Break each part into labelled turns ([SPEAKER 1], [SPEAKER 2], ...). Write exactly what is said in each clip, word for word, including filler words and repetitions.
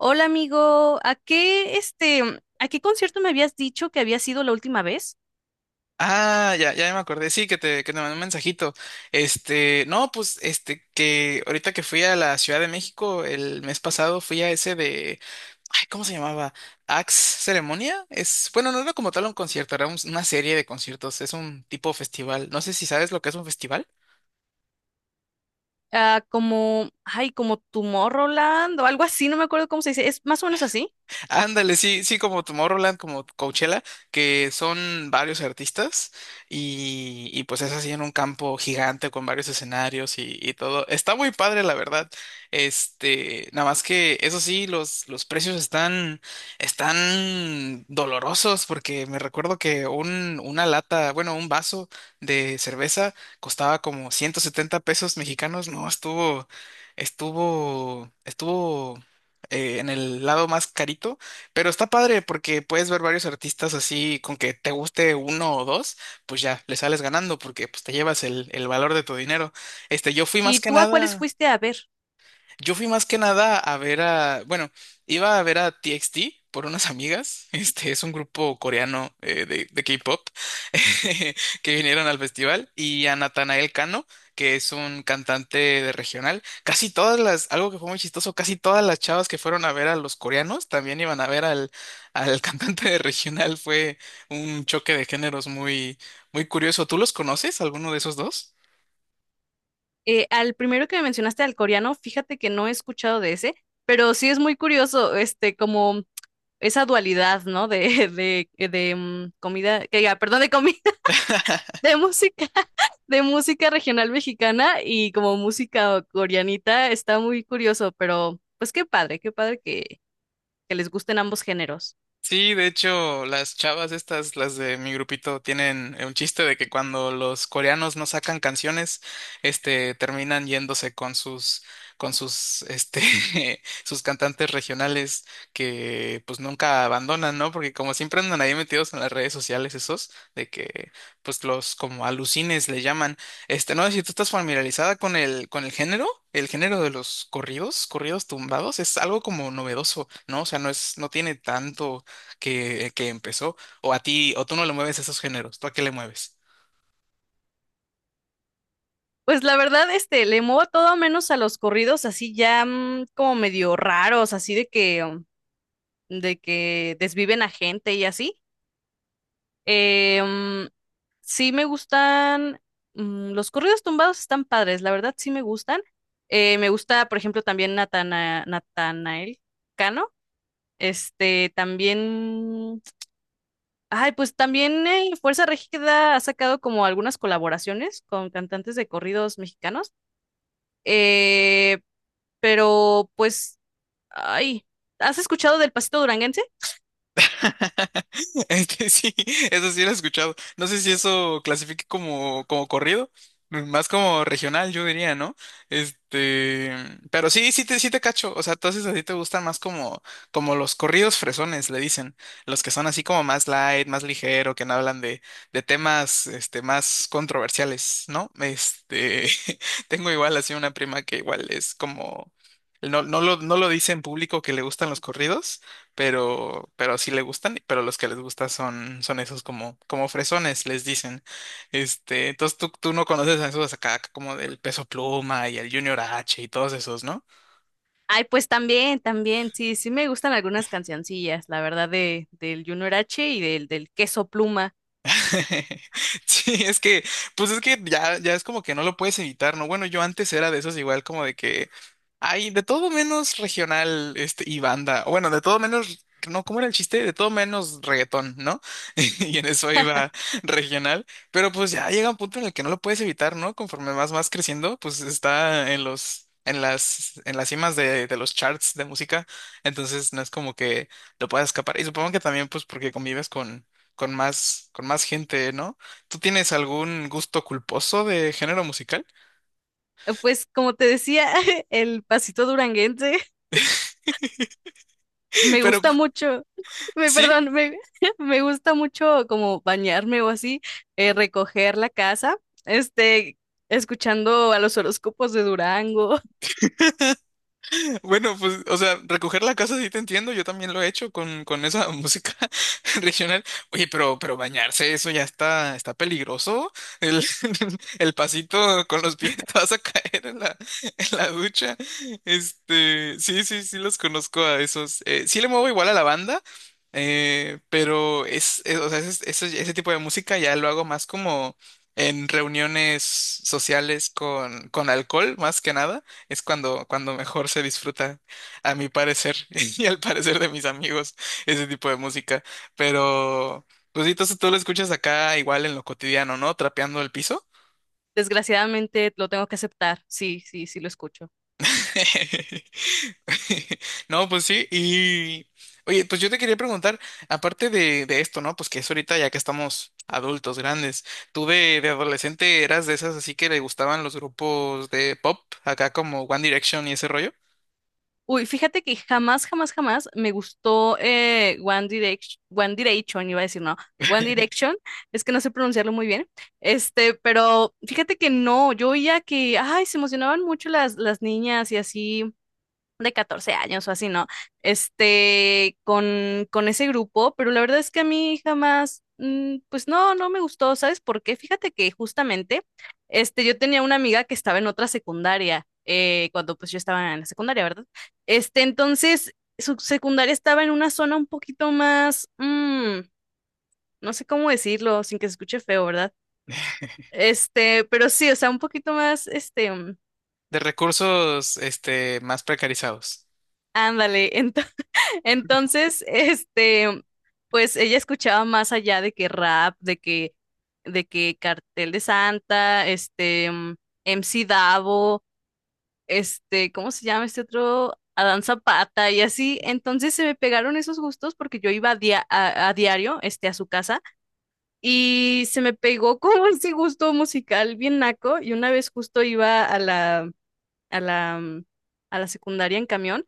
[SPEAKER 1] Hola amigo, ¿a qué este, a qué concierto me habías dicho que había sido la última vez?
[SPEAKER 2] Ah, ya, ya me acordé, sí, que te, que te mandé un mensajito. Este, no, pues, este, que ahorita que fui a la Ciudad de México el mes pasado, fui a ese de, ay, ¿cómo se llamaba? ¿Axe Ceremonia? Es, bueno, no era como tal un concierto, era un- una serie de conciertos, es un tipo festival. No sé si sabes lo que es un festival.
[SPEAKER 1] Ah, como, ay, como Tomorrowland o algo así, no me acuerdo cómo se dice, es más o menos así.
[SPEAKER 2] Ándale, sí, sí, como Tomorrowland, como Coachella, que son varios artistas y, y pues es así en un campo gigante con varios escenarios y, y todo. Está muy padre, la verdad. Este, nada más que eso sí, los, los precios están, están dolorosos porque me recuerdo que un, una lata, bueno, un vaso de cerveza costaba como ciento setenta pesos mexicanos. No, estuvo, estuvo, estuvo eh, en el lado más carito, pero está padre porque puedes ver varios artistas así, con que te guste uno o dos, pues ya le sales ganando porque pues te llevas el, el valor de tu dinero. Este, yo fui más
[SPEAKER 1] ¿Y
[SPEAKER 2] que
[SPEAKER 1] tú a cuáles
[SPEAKER 2] nada.
[SPEAKER 1] fuiste a ver?
[SPEAKER 2] Yo fui más que nada a ver a, bueno, iba a ver a T X T por unas amigas. Este es un grupo coreano eh, de, de K-pop que vinieron al festival y a Natanael Cano, que es un cantante de regional. Casi todas las, algo que fue muy chistoso, casi todas las chavas que fueron a ver a los coreanos también iban a ver al, al cantante de regional. Fue un choque de géneros muy, muy curioso. ¿Tú los conoces, alguno de esos dos?
[SPEAKER 1] Eh, al primero que me mencionaste, al coreano, fíjate que no he escuchado de ese, pero sí es muy curioso, este, como esa dualidad, ¿no? De, de, de, mm, comida, que, diga, perdón, de comida. De música, de música regional mexicana y como música coreanita, está muy curioso, pero pues qué padre, qué padre que, que les gusten ambos géneros.
[SPEAKER 2] Sí, de hecho, las chavas estas, las de mi grupito, tienen un chiste de que cuando los coreanos no sacan canciones, este, terminan yéndose con sus, con sus, este, sus cantantes regionales que, pues, nunca abandonan, ¿no? Porque como siempre andan ahí metidos en las redes sociales esos, de que, pues, los como alucines le llaman. Este, no sé si tú estás familiarizada con el, con el género. El género de los corridos, corridos tumbados, es algo como novedoso, ¿no? O sea, no es, no tiene tanto que, que empezó, o a ti, o tú no le mueves esos géneros, ¿tú a qué le mueves?
[SPEAKER 1] Pues la verdad, este, le muevo todo menos a los corridos así ya mm, como medio raros, así de que, um, de que desviven a gente y así. Eh, mm, sí me gustan, mm, los corridos tumbados están padres, la verdad sí me gustan. Eh, me gusta, por ejemplo, también Natana, Natanael Cano. Este, también, ay, pues también eh, Fuerza Régida ha sacado como algunas colaboraciones con cantantes de corridos mexicanos. Eh, pero pues, ay, ¿has escuchado del Pasito Duranguense?
[SPEAKER 2] Este sí, eso sí lo he escuchado. No sé si eso clasifique como, como corrido, más como regional, yo diría, ¿no? Este, pero sí, sí te, sí te cacho. O sea, entonces a ti te gustan más como, como los corridos fresones, le dicen. Los que son así como más light, más ligero, que no hablan de, de temas, este, más controversiales, ¿no? Este, tengo igual así una prima que igual es como, no, no lo, no lo dice en público que le gustan los corridos, pero, pero sí le gustan, pero los que les gusta son, son esos como, como fresones, les dicen. Este, entonces tú, tú no conoces a esos acá como del Peso Pluma y el Junior H y todos esos, ¿no?
[SPEAKER 1] Ay, pues también, también, sí, sí me gustan algunas cancioncillas, la verdad, de, del Junior H y del, del Queso Pluma.
[SPEAKER 2] Sí, es que, pues es que ya, ya es como que no lo puedes evitar, ¿no? Bueno, yo antes era de esos igual como de que hay de todo menos regional, este, y banda. O bueno, de todo menos, no, ¿cómo era el chiste? De todo menos reggaetón, ¿no? Y en eso iba regional. Pero pues ya llega un punto en el que no lo puedes evitar, ¿no? Conforme vas más creciendo, pues está en los, en las, en las cimas de, de los charts de música. Entonces no es como que lo puedas escapar. Y supongo que también, pues, porque convives con con más, con más gente, ¿no? ¿Tú tienes algún gusto culposo de género musical?
[SPEAKER 1] Eh, Pues como te decía, el Pasito Duranguense me
[SPEAKER 2] Pero
[SPEAKER 1] gusta mucho. Me,
[SPEAKER 2] sí,
[SPEAKER 1] perdón, me, me gusta mucho como bañarme o así, eh, recoger la casa, este, escuchando a los horóscopos de Durango.
[SPEAKER 2] bueno, pues, o sea, recoger la casa sí te entiendo, yo también lo he hecho con, con esa música regional. Oye, pero, pero bañarse, eso ya está, está peligroso. El, el pasito con los pies te vas a caer en la, en la ducha. Este, sí, sí, sí los conozco a esos. Eh, sí le muevo igual a la banda, eh, pero es, es- o sea, es- es- ese tipo de música ya lo hago más como en reuniones sociales con, con alcohol, más que nada. Es cuando, cuando mejor se disfruta, a mi parecer, y al parecer de mis amigos, ese tipo de música. Pero, pues sí, entonces tú lo escuchas acá igual en lo cotidiano, ¿no? Trapeando el piso.
[SPEAKER 1] Desgraciadamente lo tengo que aceptar. Sí, sí, sí lo escucho.
[SPEAKER 2] No, pues sí, y oye, pues yo te quería preguntar, aparte de, de esto, ¿no? Pues que es ahorita ya que estamos adultos, grandes, ¿tú de, de adolescente eras de esas así que le gustaban los grupos de pop, acá como One Direction y ese rollo?
[SPEAKER 1] Uy, fíjate que jamás, jamás, jamás me gustó eh, One Direction, One Direction, iba a decir, no, One Direction, es que no sé pronunciarlo muy bien, este, pero fíjate que no, yo oía que, ay, se emocionaban mucho las, las niñas y así, de catorce años o así, ¿no? Este, con, con ese grupo, pero la verdad es que a mí jamás, mm, pues no, no me gustó, ¿sabes por qué? Fíjate que justamente, este, yo tenía una amiga que estaba en otra secundaria, eh, cuando pues yo estaba en la secundaria, ¿verdad? Este, entonces, su secundaria estaba en una zona un poquito más, mm, no sé cómo decirlo, sin que se escuche feo, ¿verdad? Este, pero sí, o sea, un poquito más, este,
[SPEAKER 2] De recursos, este, más precarizados.
[SPEAKER 1] ándale, ento- entonces, este, pues ella escuchaba más allá de que rap, de que, de que Cartel de Santa, este, mm, M C Davo, este, ¿cómo se llama este otro? Adán Zapata y así. Entonces se me pegaron esos gustos porque yo iba a, dia- a, a diario, este, a su casa y se me pegó como ese gusto musical bien naco y una vez justo iba a la, a la, mm, a la secundaria en camión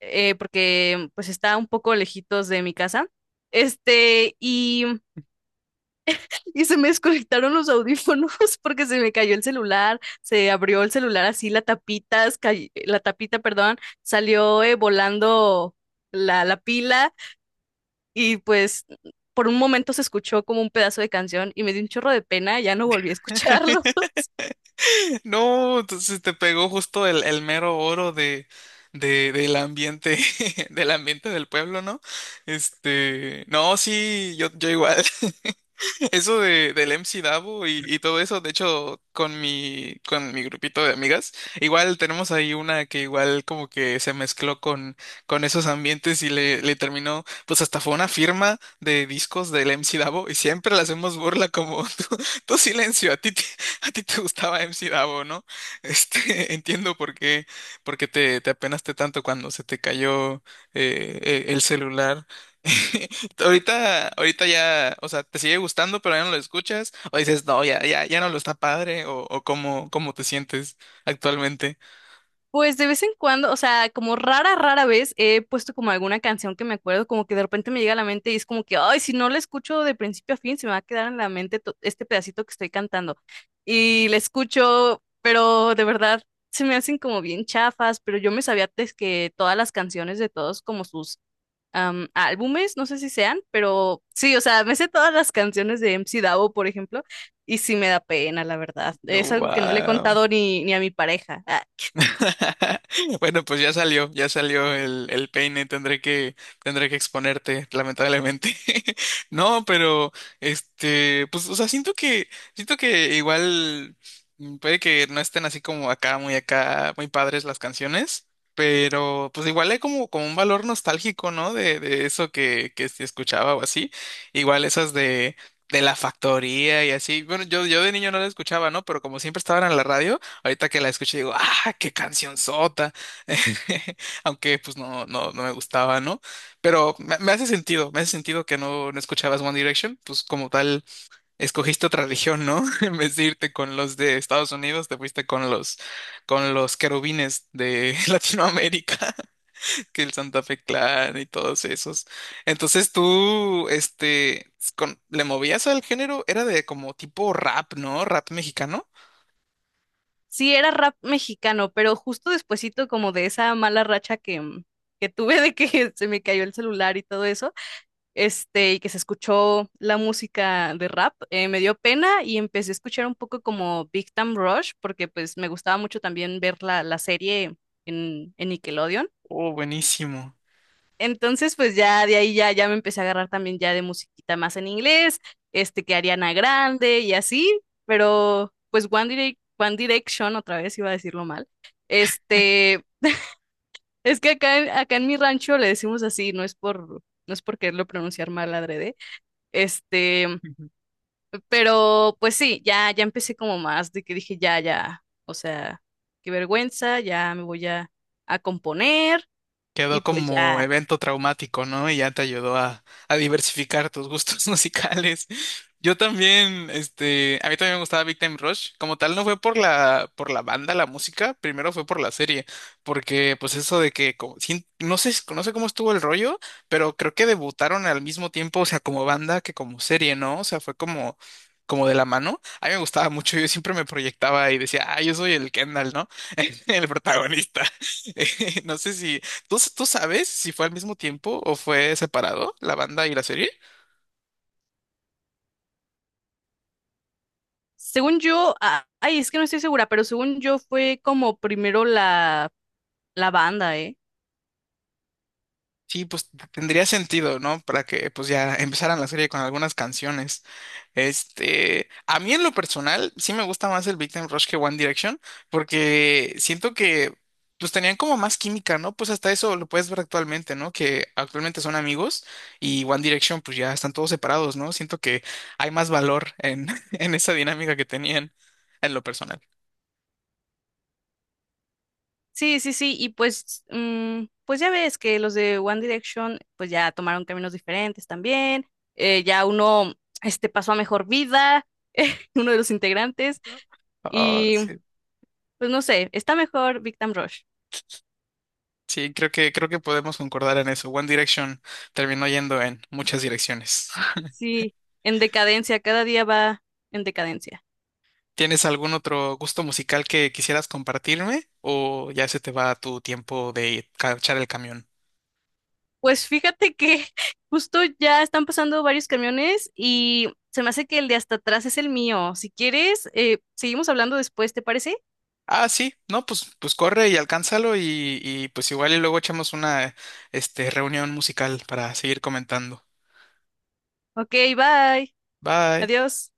[SPEAKER 1] eh, porque pues está un poco lejitos de mi casa. Este, y, y se me desconectaron los audífonos porque se me cayó el celular, se abrió el celular así, la tapita, cay- la tapita, perdón, salió eh, volando la, la pila y pues por un momento se escuchó como un pedazo de canción y me dio un chorro de pena, ya no volví a escucharlo.
[SPEAKER 2] No, entonces te pegó justo el, el mero oro de, de, del ambiente, del ambiente del pueblo, ¿no? Este, no, sí, yo, yo igual. Eso de, del M C Davo y, y todo eso, de hecho, con mi, con mi grupito de amigas, igual tenemos ahí una que igual como que se mezcló con, con esos ambientes y le, le terminó, pues hasta fue una firma de discos del M C Davo y siempre le hacemos burla como tu, tu silencio, a ti, te- a ti te gustaba M C Davo, ¿no? Este, entiendo por qué, por qué te, te apenaste tanto cuando se te cayó eh, eh, el celular. Ahorita, ahorita ya, o sea, te sigue gustando, pero ya no lo escuchas, o dices, no, ya, ya, ya no lo está padre, o, o cómo, cómo te sientes actualmente.
[SPEAKER 1] Pues de vez en cuando, o sea, como rara, rara vez he puesto como alguna canción que me acuerdo, como que de repente me llega a la mente y es como que, ay, si no la escucho de principio a fin, se me va a quedar en la mente to- este pedacito que estoy cantando. Y la escucho, pero de verdad se me hacen como bien chafas, pero yo me sabía antes que todas las canciones de todos como sus am, álbumes, no sé si sean, pero sí, o sea, me sé todas las canciones de M C Davo, por ejemplo, y sí me da pena, la verdad. Es algo que no le he
[SPEAKER 2] Wow.
[SPEAKER 1] contado ni, ni a mi pareja.
[SPEAKER 2] Bueno, pues ya salió, ya salió el, el peine, tendré que, tendré que exponerte, lamentablemente. No, pero este, pues, o sea, siento que, siento que igual mm, puede que no estén así como acá, muy acá, muy padres las canciones, pero pues igual hay como, como un valor nostálgico, ¿no? De, de eso que, que se escuchaba o así. Igual esas de, de la factoría y así. Bueno, yo, yo de niño no las escuchaba, ¿no? Pero como siempre estaban en la radio. Ahorita que la escuché digo, ¡ah, qué canción sota! Aunque pues no, no, no me gustaba, ¿no? Pero me, me hace sentido, me hace sentido que no, no escuchabas One Direction, pues como tal, escogiste otra religión, ¿no? En vez de irte con los de Estados Unidos, te fuiste con los, con los querubines de Latinoamérica, que el Santa Fe Clan y todos esos. Entonces tú, este, con- le movías al género, era de como tipo rap, ¿no? Rap mexicano.
[SPEAKER 1] Sí, era rap mexicano, pero justo despuesito como de esa mala racha que, mm, que tuve de que se me cayó el celular y todo eso, este, y que se escuchó la música de rap, eh, me dio pena y empecé a escuchar un poco como Big Time Rush, porque pues me gustaba mucho también ver la, la serie en, en Nickelodeon.
[SPEAKER 2] Oh, buenísimo.
[SPEAKER 1] Entonces, pues ya de ahí ya, ya me empecé a agarrar también ya de musiquita más en inglés, este que Ariana Grande y así, pero pues One Direc- One Direction, otra vez iba a decirlo mal. Este, es que acá, en- acá en mi rancho le decimos así, no es por, no es por quererlo pronunciar mal adrede. Este, pero pues sí, ya, ya empecé como más de que dije ya, ya, o sea, qué vergüenza, ya me voy a, a componer y
[SPEAKER 2] Quedó
[SPEAKER 1] pues
[SPEAKER 2] como
[SPEAKER 1] ya.
[SPEAKER 2] evento traumático, ¿no? Y ya te ayudó a, a diversificar tus gustos musicales. Yo también, este, a mí también me gustaba Big Time Rush. Como tal, no fue por la, por la banda, la música, primero fue por la serie, porque pues eso de que, como- sin- no sé, no sé cómo estuvo el rollo, pero creo que debutaron al mismo tiempo, o sea, como banda que como serie, ¿no? O sea, fue como, como de la mano. A mí me gustaba mucho, yo siempre me proyectaba y decía, ah, yo soy el Kendall, ¿no? El protagonista. No sé si ¿Tú, s- tú sabes si fue al mismo tiempo o fue separado la banda y la serie?
[SPEAKER 1] Según yo, a- ay, es que no estoy segura, pero según yo fue como primero la, la banda, ¿eh?
[SPEAKER 2] Sí, pues t- tendría sentido, ¿no? Para que pues ya empezaran la serie con algunas canciones. Este, a mí en lo personal sí me gusta más el Big Rush que One Direction porque siento que pues tenían como más química, ¿no? Pues hasta eso lo puedes ver actualmente, ¿no? Que actualmente son amigos y One Direction pues ya están todos separados, ¿no? Siento que hay más valor en, en esa dinámica que tenían en lo personal.
[SPEAKER 1] Sí, sí, sí, y pues, mm, pues ya ves que los de One Direction, pues ya tomaron caminos diferentes también, eh, ya uno, este, pasó a mejor vida, uno de los integrantes,
[SPEAKER 2] Ah,
[SPEAKER 1] y
[SPEAKER 2] sí.
[SPEAKER 1] pues no sé, está mejor Victim Rush.
[SPEAKER 2] Sí, creo que, creo que podemos concordar en eso. One Direction terminó yendo en muchas direcciones.
[SPEAKER 1] Sí, en decadencia, cada día va en decadencia.
[SPEAKER 2] ¿Tienes algún otro gusto musical que quisieras compartirme o ya se te va tu tiempo de cachar el camión?
[SPEAKER 1] Pues fíjate que justo ya están pasando varios camiones y se me hace que el de hasta atrás es el mío. Si quieres, eh, seguimos hablando después, ¿te parece?
[SPEAKER 2] Ah, sí, no, pues, pues corre y alcánzalo y, y pues igual y luego echamos una este, reunión musical para seguir comentando.
[SPEAKER 1] Ok, bye.
[SPEAKER 2] Bye.
[SPEAKER 1] Adiós.